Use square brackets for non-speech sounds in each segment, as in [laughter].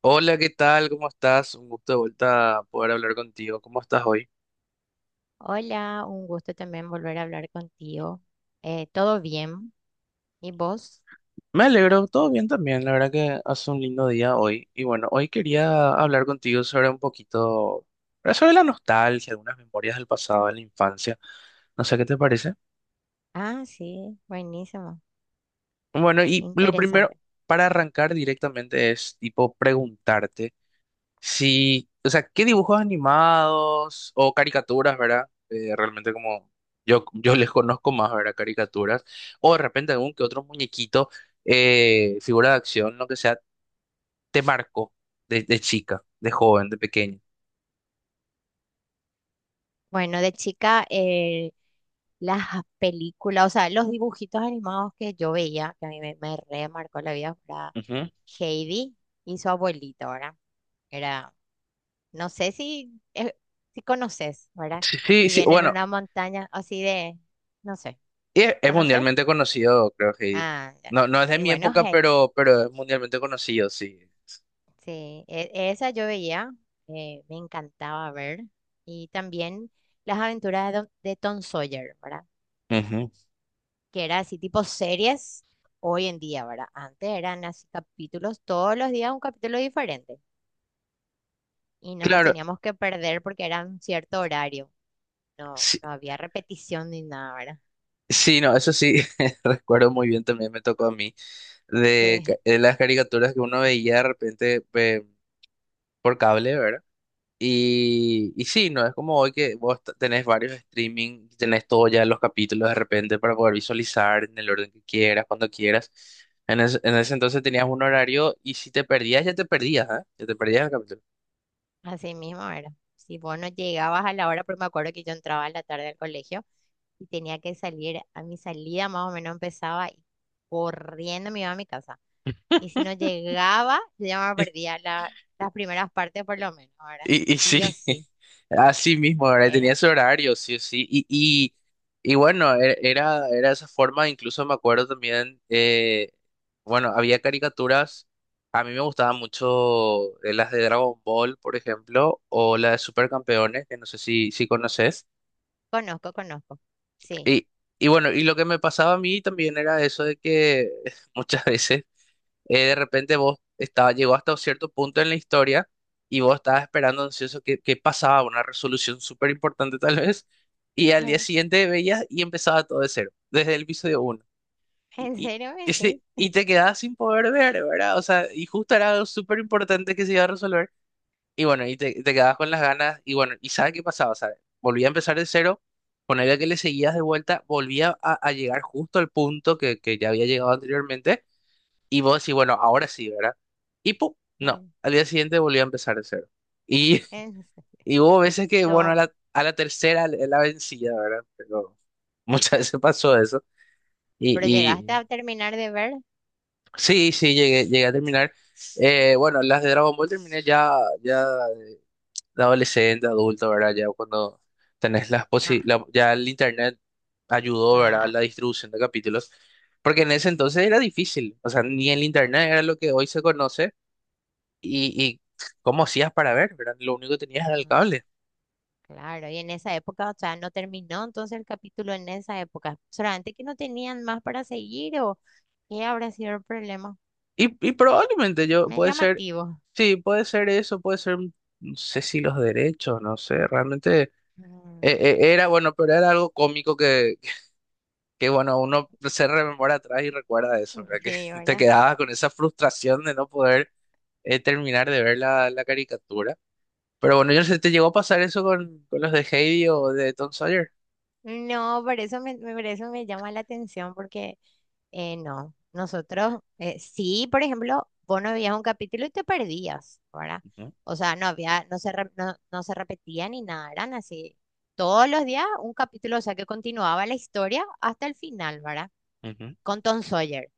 Hola, ¿qué tal? ¿Cómo estás? Un gusto de vuelta poder hablar contigo. ¿Cómo estás hoy? Hola, un gusto también volver a hablar contigo. ¿Todo bien? ¿Y vos? Me alegro, todo bien también. La verdad que hace un lindo día hoy. Y bueno, hoy quería hablar contigo sobre un poquito, sobre la nostalgia, algunas memorias del pasado, de la infancia. No sé qué te parece. Ah, sí, buenísimo, Bueno, y lo primero interesante. para arrancar directamente es tipo preguntarte. Sí, o sea, ¿qué dibujos animados o caricaturas, verdad? Realmente como yo les conozco más, ¿verdad? Caricaturas. O de repente algún que otro muñequito, figura de acción, lo que sea, te marcó de chica, de joven, de pequeño. Bueno, de chica, [laughs] las películas, o sea, los dibujitos animados que yo veía, que a mí me remarcó la vida, era Ujú. Heidi y su abuelito, ¿verdad? Era, no sé si, si conoces, ¿verdad? Sí, sí, sí, Vivían en bueno, una montaña así de, no sé, es ¿conoces? mundialmente conocido, creo que... Ah, ya. No, no es de Sí, mi bueno, época, Heidi. Pero es mundialmente conocido, sí. Sí, esa yo veía, me encantaba ver. Y también las aventuras de, de Tom Sawyer, ¿verdad? Ujú. Que era así tipo series hoy en día, ¿verdad? Antes eran así capítulos, todos los días un capítulo diferente. Y no nos Claro. teníamos que perder porque era un cierto horario. No, Sí, no había repetición ni nada, ¿verdad? sí, no, eso sí, [laughs] recuerdo muy bien, también me tocó a mí, Sí, de las caricaturas que uno veía de repente por cable, ¿verdad? Y sí, no, es como hoy que vos tenés varios streaming, tenés todo ya los capítulos de repente para poder visualizar en el orden que quieras, cuando quieras. En ese entonces tenías un horario y si te perdías, ya te perdías, ¿eh? Ya te perdías el capítulo. [laughs] así mismo era. Si vos no llegabas a la hora, porque me acuerdo que yo entraba a la tarde al colegio, y tenía que salir, a mi salida más o menos empezaba y corriendo me iba a mi casa. [laughs] Y si no llegaba, yo ya me perdía las primeras partes por lo menos, ahora Y, y sí o sí, sí, [laughs] así mismo, ¿verdad? era, Tenía ese horario, sí o sí. Y bueno, era, era esa forma, incluso me acuerdo también, bueno, había caricaturas, a mí me gustaban mucho las de Dragon Ball, por ejemplo, o las de Supercampeones, que no sé si, si conoces. conozco, conozco, sí. Y, y bueno, y lo que me pasaba a mí también era eso de que [laughs] muchas veces de repente vos estaba, llegó hasta un cierto punto en la historia y vos estabas esperando ansioso que pasaba una resolución súper importante tal vez, y al día [laughs] siguiente veías y empezaba todo de cero, desde el episodio 1. ¿En Y, serio me [laughs] decís? Y te quedabas sin poder ver, ¿verdad? O sea, y justo era algo súper importante que se iba a resolver. Y bueno, y te quedabas con las ganas, y bueno, y ¿sabes qué pasaba? ¿Sabes? Volvía a empezar de cero, con ponerle que le seguías de vuelta, volvía a llegar justo al punto que ya había llegado anteriormente y vos decís, bueno, ahora sí, ¿verdad? Y pum, no, Eh, al día siguiente volví a empezar de cero. Y, en [laughs] se- y hubo veces que, bueno, yo- a la tercera la vencía, ¿verdad? Pero muchas [laughs] veces pasó eso. Y, pero llegaste y a terminar de ver. sí, sí, llegué, llegué a terminar. Bueno, las de Dragon Ball terminé ya, ya de adolescente, adulto, ¿verdad? Ya cuando tenés las Ah, ya el internet ayudó, ¿verdad? A ah, la distribución de capítulos. Porque en ese entonces era difícil, o sea, ni el internet era lo que hoy se conoce y cómo hacías para ver, ¿verdad? Lo único que tenías era el no, cable. claro, y en esa época, o sea, no terminó entonces el capítulo en esa época, solamente que no tenían más para seguir o qué habrá sido el problema. Y probablemente yo, Me es puede ser, llamativo. sí, puede ser eso, puede ser, no sé si los derechos, no sé, realmente Mm, era bueno, pero era algo cómico que, bueno, uno se rememora atrás y recuerda eso, ¿verdad? sí, Que [laughs] te ¿verdad? quedabas con esa frustración de no poder terminar de ver la, la caricatura. Pero bueno, yo no sé, ¿te llegó a pasar eso con los de Heidi o de Tom Sawyer? No, por eso por eso me llama la atención, porque no, nosotros, sí, por ejemplo, vos no veías un capítulo y te perdías, ¿verdad? Ujú, O sea, no había, no se repetía ni nada, eran así. Todos los días un capítulo, o sea, que continuaba la historia hasta el final, ¿verdad? ujú. Con Tom Sawyer.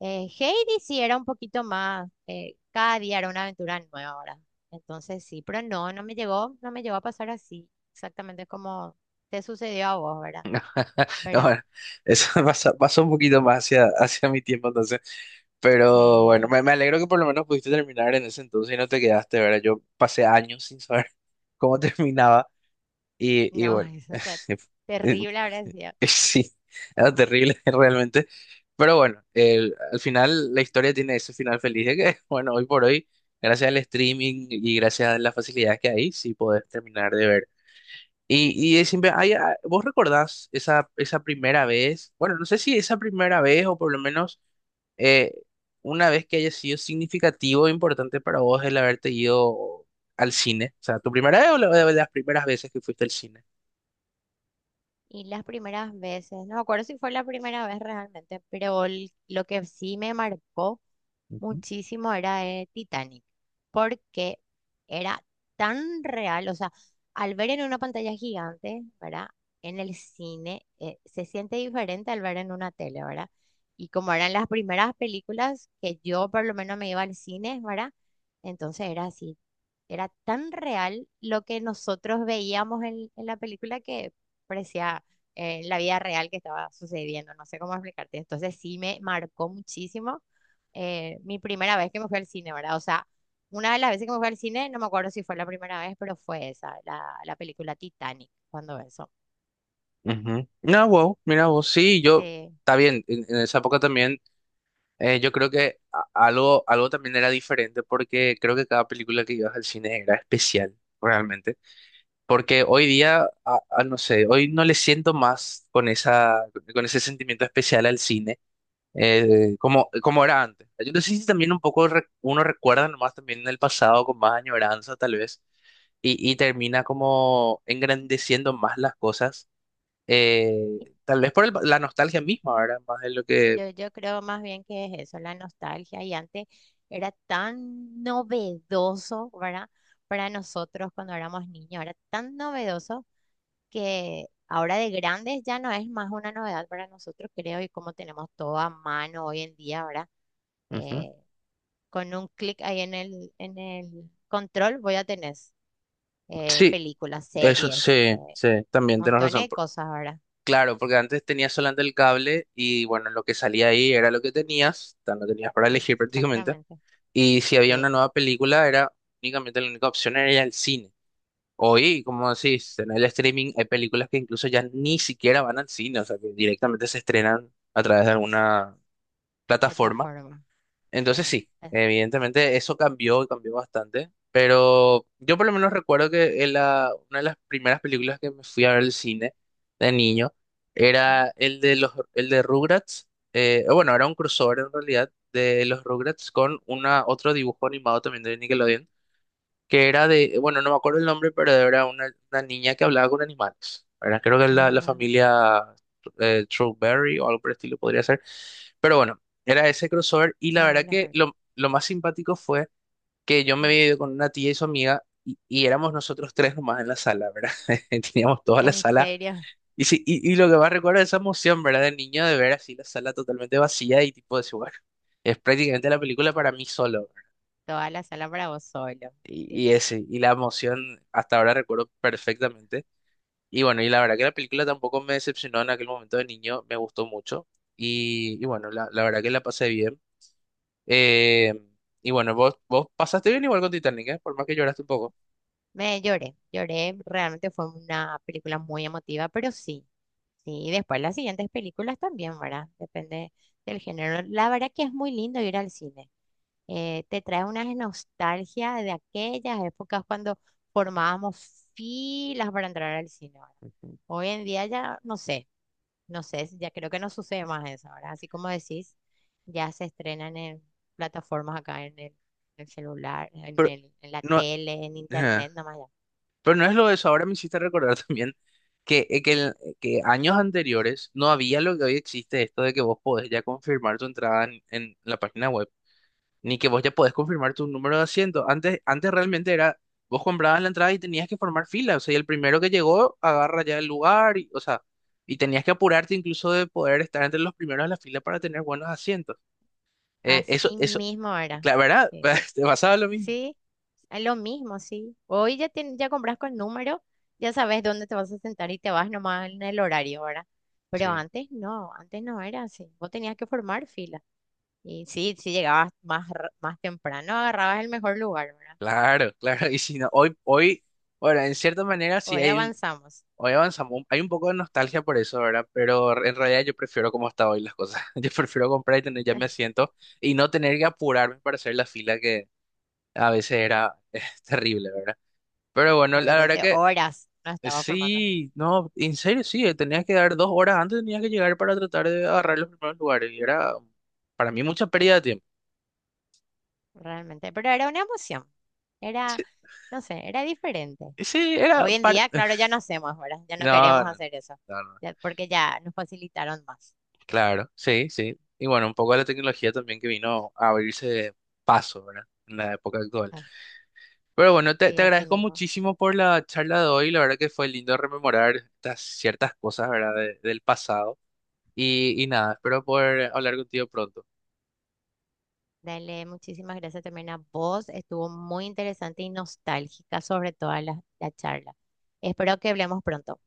Heidi sí era un poquito más, cada día era una aventura nueva ahora. Entonces sí, pero no, no me llegó a pasar así, exactamente como te sucedió a vos, ¿verdad? [laughs] No, bueno, Pero eso [laughs] pasa un poquito más hacia, hacia mi tiempo entonces. Pero bueno, eh, me alegro que por lo menos pudiste terminar en ese entonces y no te quedaste, ¿verdad? Yo pasé años sin saber [laughs] cómo terminaba y no, [laughs] bueno, es, o [laughs] eh, terrible habrá sido. Sí, era terrible [laughs] realmente. Pero bueno, al final la historia tiene ese final feliz de que, [laughs] bueno, hoy por hoy, gracias al streaming y gracias a las facilidades que hay, sí podés terminar de ver. Y es siempre, ay, ah, ¿vos recordás esa, esa primera vez? Bueno, no sé si esa primera vez o por lo menos eh, una vez que haya sido significativo e importante para vos el haberte ido al cine. O sea, ¿tu primera vez o la, de las primeras veces que fuiste al cine? Y las primeras veces, no me acuerdo si fue la primera vez realmente, pero lo que sí me marcó Ujú. muchísimo era de Titanic, porque era tan real, o sea, al ver en una pantalla gigante, ¿verdad? En el cine se siente diferente al ver en una tele, ¿verdad? Y como eran las primeras películas que yo por lo menos me iba al cine, ¿verdad? Entonces era así, era tan real lo que nosotros veíamos en la película que parecía la vida real que estaba sucediendo, no sé cómo explicarte. Entonces sí me marcó muchísimo, mi primera vez que me fui al cine, ¿verdad? O sea, una de las veces que me fui al cine, no me acuerdo si fue la primera vez, pero fue esa, la película Titanic, cuando eso. Ujú. No, wow, mira vos, sí, yo, Sí, está bien, en esa época también, yo creo que a- algo, algo también era diferente porque creo que cada película que ibas al cine era especial, realmente. Porque hoy día, no sé, hoy no le siento más con esa, con ese sentimiento especial al cine, como, como era antes. Yo no sé si también un poco uno recuerda nomás también en el pasado con más añoranza tal vez, y termina como engrandeciendo más las cosas, eh, tal vez por la nostalgia misma, ¿verdad? Más de lo que... yo creo más bien que es eso, la nostalgia. Y antes era tan novedoso, ¿verdad? Para nosotros cuando éramos niños, era tan novedoso que ahora de grandes ya no es más una novedad para nosotros, creo, y como tenemos todo a mano hoy en día, ¿verdad? Ujú. Eh, Con un clic ahí en el control voy a tener Sí, películas, eso series, sí, sí, también tienes montones razón. de cosas ahora. Claro, porque antes tenías solamente el cable y bueno, lo que salía ahí era lo que tenías, o sea, no tenías para elegir [laughs] prácticamente. Exactamente. Y si había una Sí, nueva película, era únicamente la única opción era ir al cine. Hoy, como decís, en el streaming hay películas que incluso ya ni siquiera van al cine, o sea, que directamente se estrenan a través de alguna plataforma. plataforma. Entonces Sí. sí, evidentemente eso cambió y cambió bastante, pero yo por lo menos recuerdo que en la, una de las primeras películas que me fui a ver al cine de niño Mm, era el de los, el de Rugrats, bueno, era un crossover en realidad de los Rugrats con una otro dibujo animado también de Nickelodeon, que era de, bueno, no me acuerdo el nombre, pero era una niña que hablaba con animales. Era, creo que la ah, familia Strawberry o algo por el estilo podría ser. Pero bueno, era ese crossover y la ah, de verdad las que reglas. Lo más simpático fue que yo me Mm. había ido con una tía y su amiga y éramos nosotros tres nomás en la sala, ¿verdad? [laughs] Teníamos toda la En sala. serio, Y, sí, y lo que más recuerdo es esa emoción, ¿verdad? De niño de ver así la sala totalmente vacía y tipo de decir, bueno, es prácticamente la película para mí solo. toda la sala para vos solo. Sí. Y ese, y la emoción hasta ahora recuerdo perfectamente. Y bueno, y la verdad que la película tampoco me decepcionó en aquel momento de niño, me gustó mucho. Y bueno, la verdad que la pasé bien. Eh, y bueno, vos, vos pasaste bien igual con Titanic, ¿eh? Por más que lloraste un poco. Me lloré, lloré. Realmente fue una película muy emotiva, pero sí. Sí, y después las siguientes películas también, ¿verdad? Depende del género. La verdad que es muy lindo ir al cine, te trae una nostalgia de aquellas épocas cuando formábamos filas para entrar al cine, ¿verdad? Hoy en día ya no sé, no sé, si ya creo que no sucede más eso ahora. Así como decís, ya se estrenan en plataformas acá en el celular, Pero en la no, tele, en ajá. internet nomás. Pero no es lo de eso. Ahora me hiciste recordar [laughs] también que, que años anteriores no había lo que hoy existe, esto de que vos podés ya confirmar tu entrada en la página web, ni que vos ya podés confirmar tu número de asiento. Antes, antes realmente era, vos comprabas la entrada y tenías que formar fila. O sea, y el primero que llegó agarra ya el lugar, y, o sea, y tenías que apurarte incluso de poder estar entre los primeros de la fila para tener buenos asientos. Eso, Así eso, mismo ahora. claro, ¿verdad? Sí. [laughs] Te pasaba lo mismo. Sí, es lo mismo, sí. Hoy ya ya compras con número, ya sabes dónde te vas a sentar y te vas nomás en el horario ahora. Pero Sí, antes no era así. Vos tenías que formar fila. Y sí, si llegabas más, más temprano, agarrabas el mejor lugar, ¿verdad? claro, claro. Y si no, hoy, hoy, bueno, en cierta manera sí Hoy hay un, avanzamos. hoy avanzamos, hay un poco de nostalgia por eso, ¿verdad? Pero en realidad yo prefiero como está hoy las cosas. [laughs] Yo prefiero comprar y tener ya mi [laughs] asiento y no tener que apurarme para hacer la fila que a veces era [laughs] terrible, ¿verdad? Pero bueno, A la veces, verdad veces que horas no estaba formando fila, sí, no, en serio sí, tenías que dar 2 horas antes, tenías que llegar para tratar de agarrar los primeros lugares y era para mí mucha pérdida de tiempo. realmente. Pero era una emoción. Era, [laughs] no sé, era diferente. Sí, era Hoy en día, parte. claro, [laughs] ya no hacemos, ¿verdad? Ya no No, no, queremos no, hacer eso, no, no. ya- porque ya nos facilitaron más. Claro, sí, sí. Y bueno, un poco de la tecnología también que vino a abrirse paso, ¿verdad? En la época actual. Pero bueno, te, Así, te así agradezco mismo. muchísimo por la charla de hoy. La verdad que fue lindo rememorar estas ciertas cosas, ¿verdad? Del pasado. Y nada, espero poder hablar contigo pronto. Dale, muchísimas gracias también a vos. Estuvo muy interesante y nostálgica sobre toda la, la charla. Espero que hablemos pronto.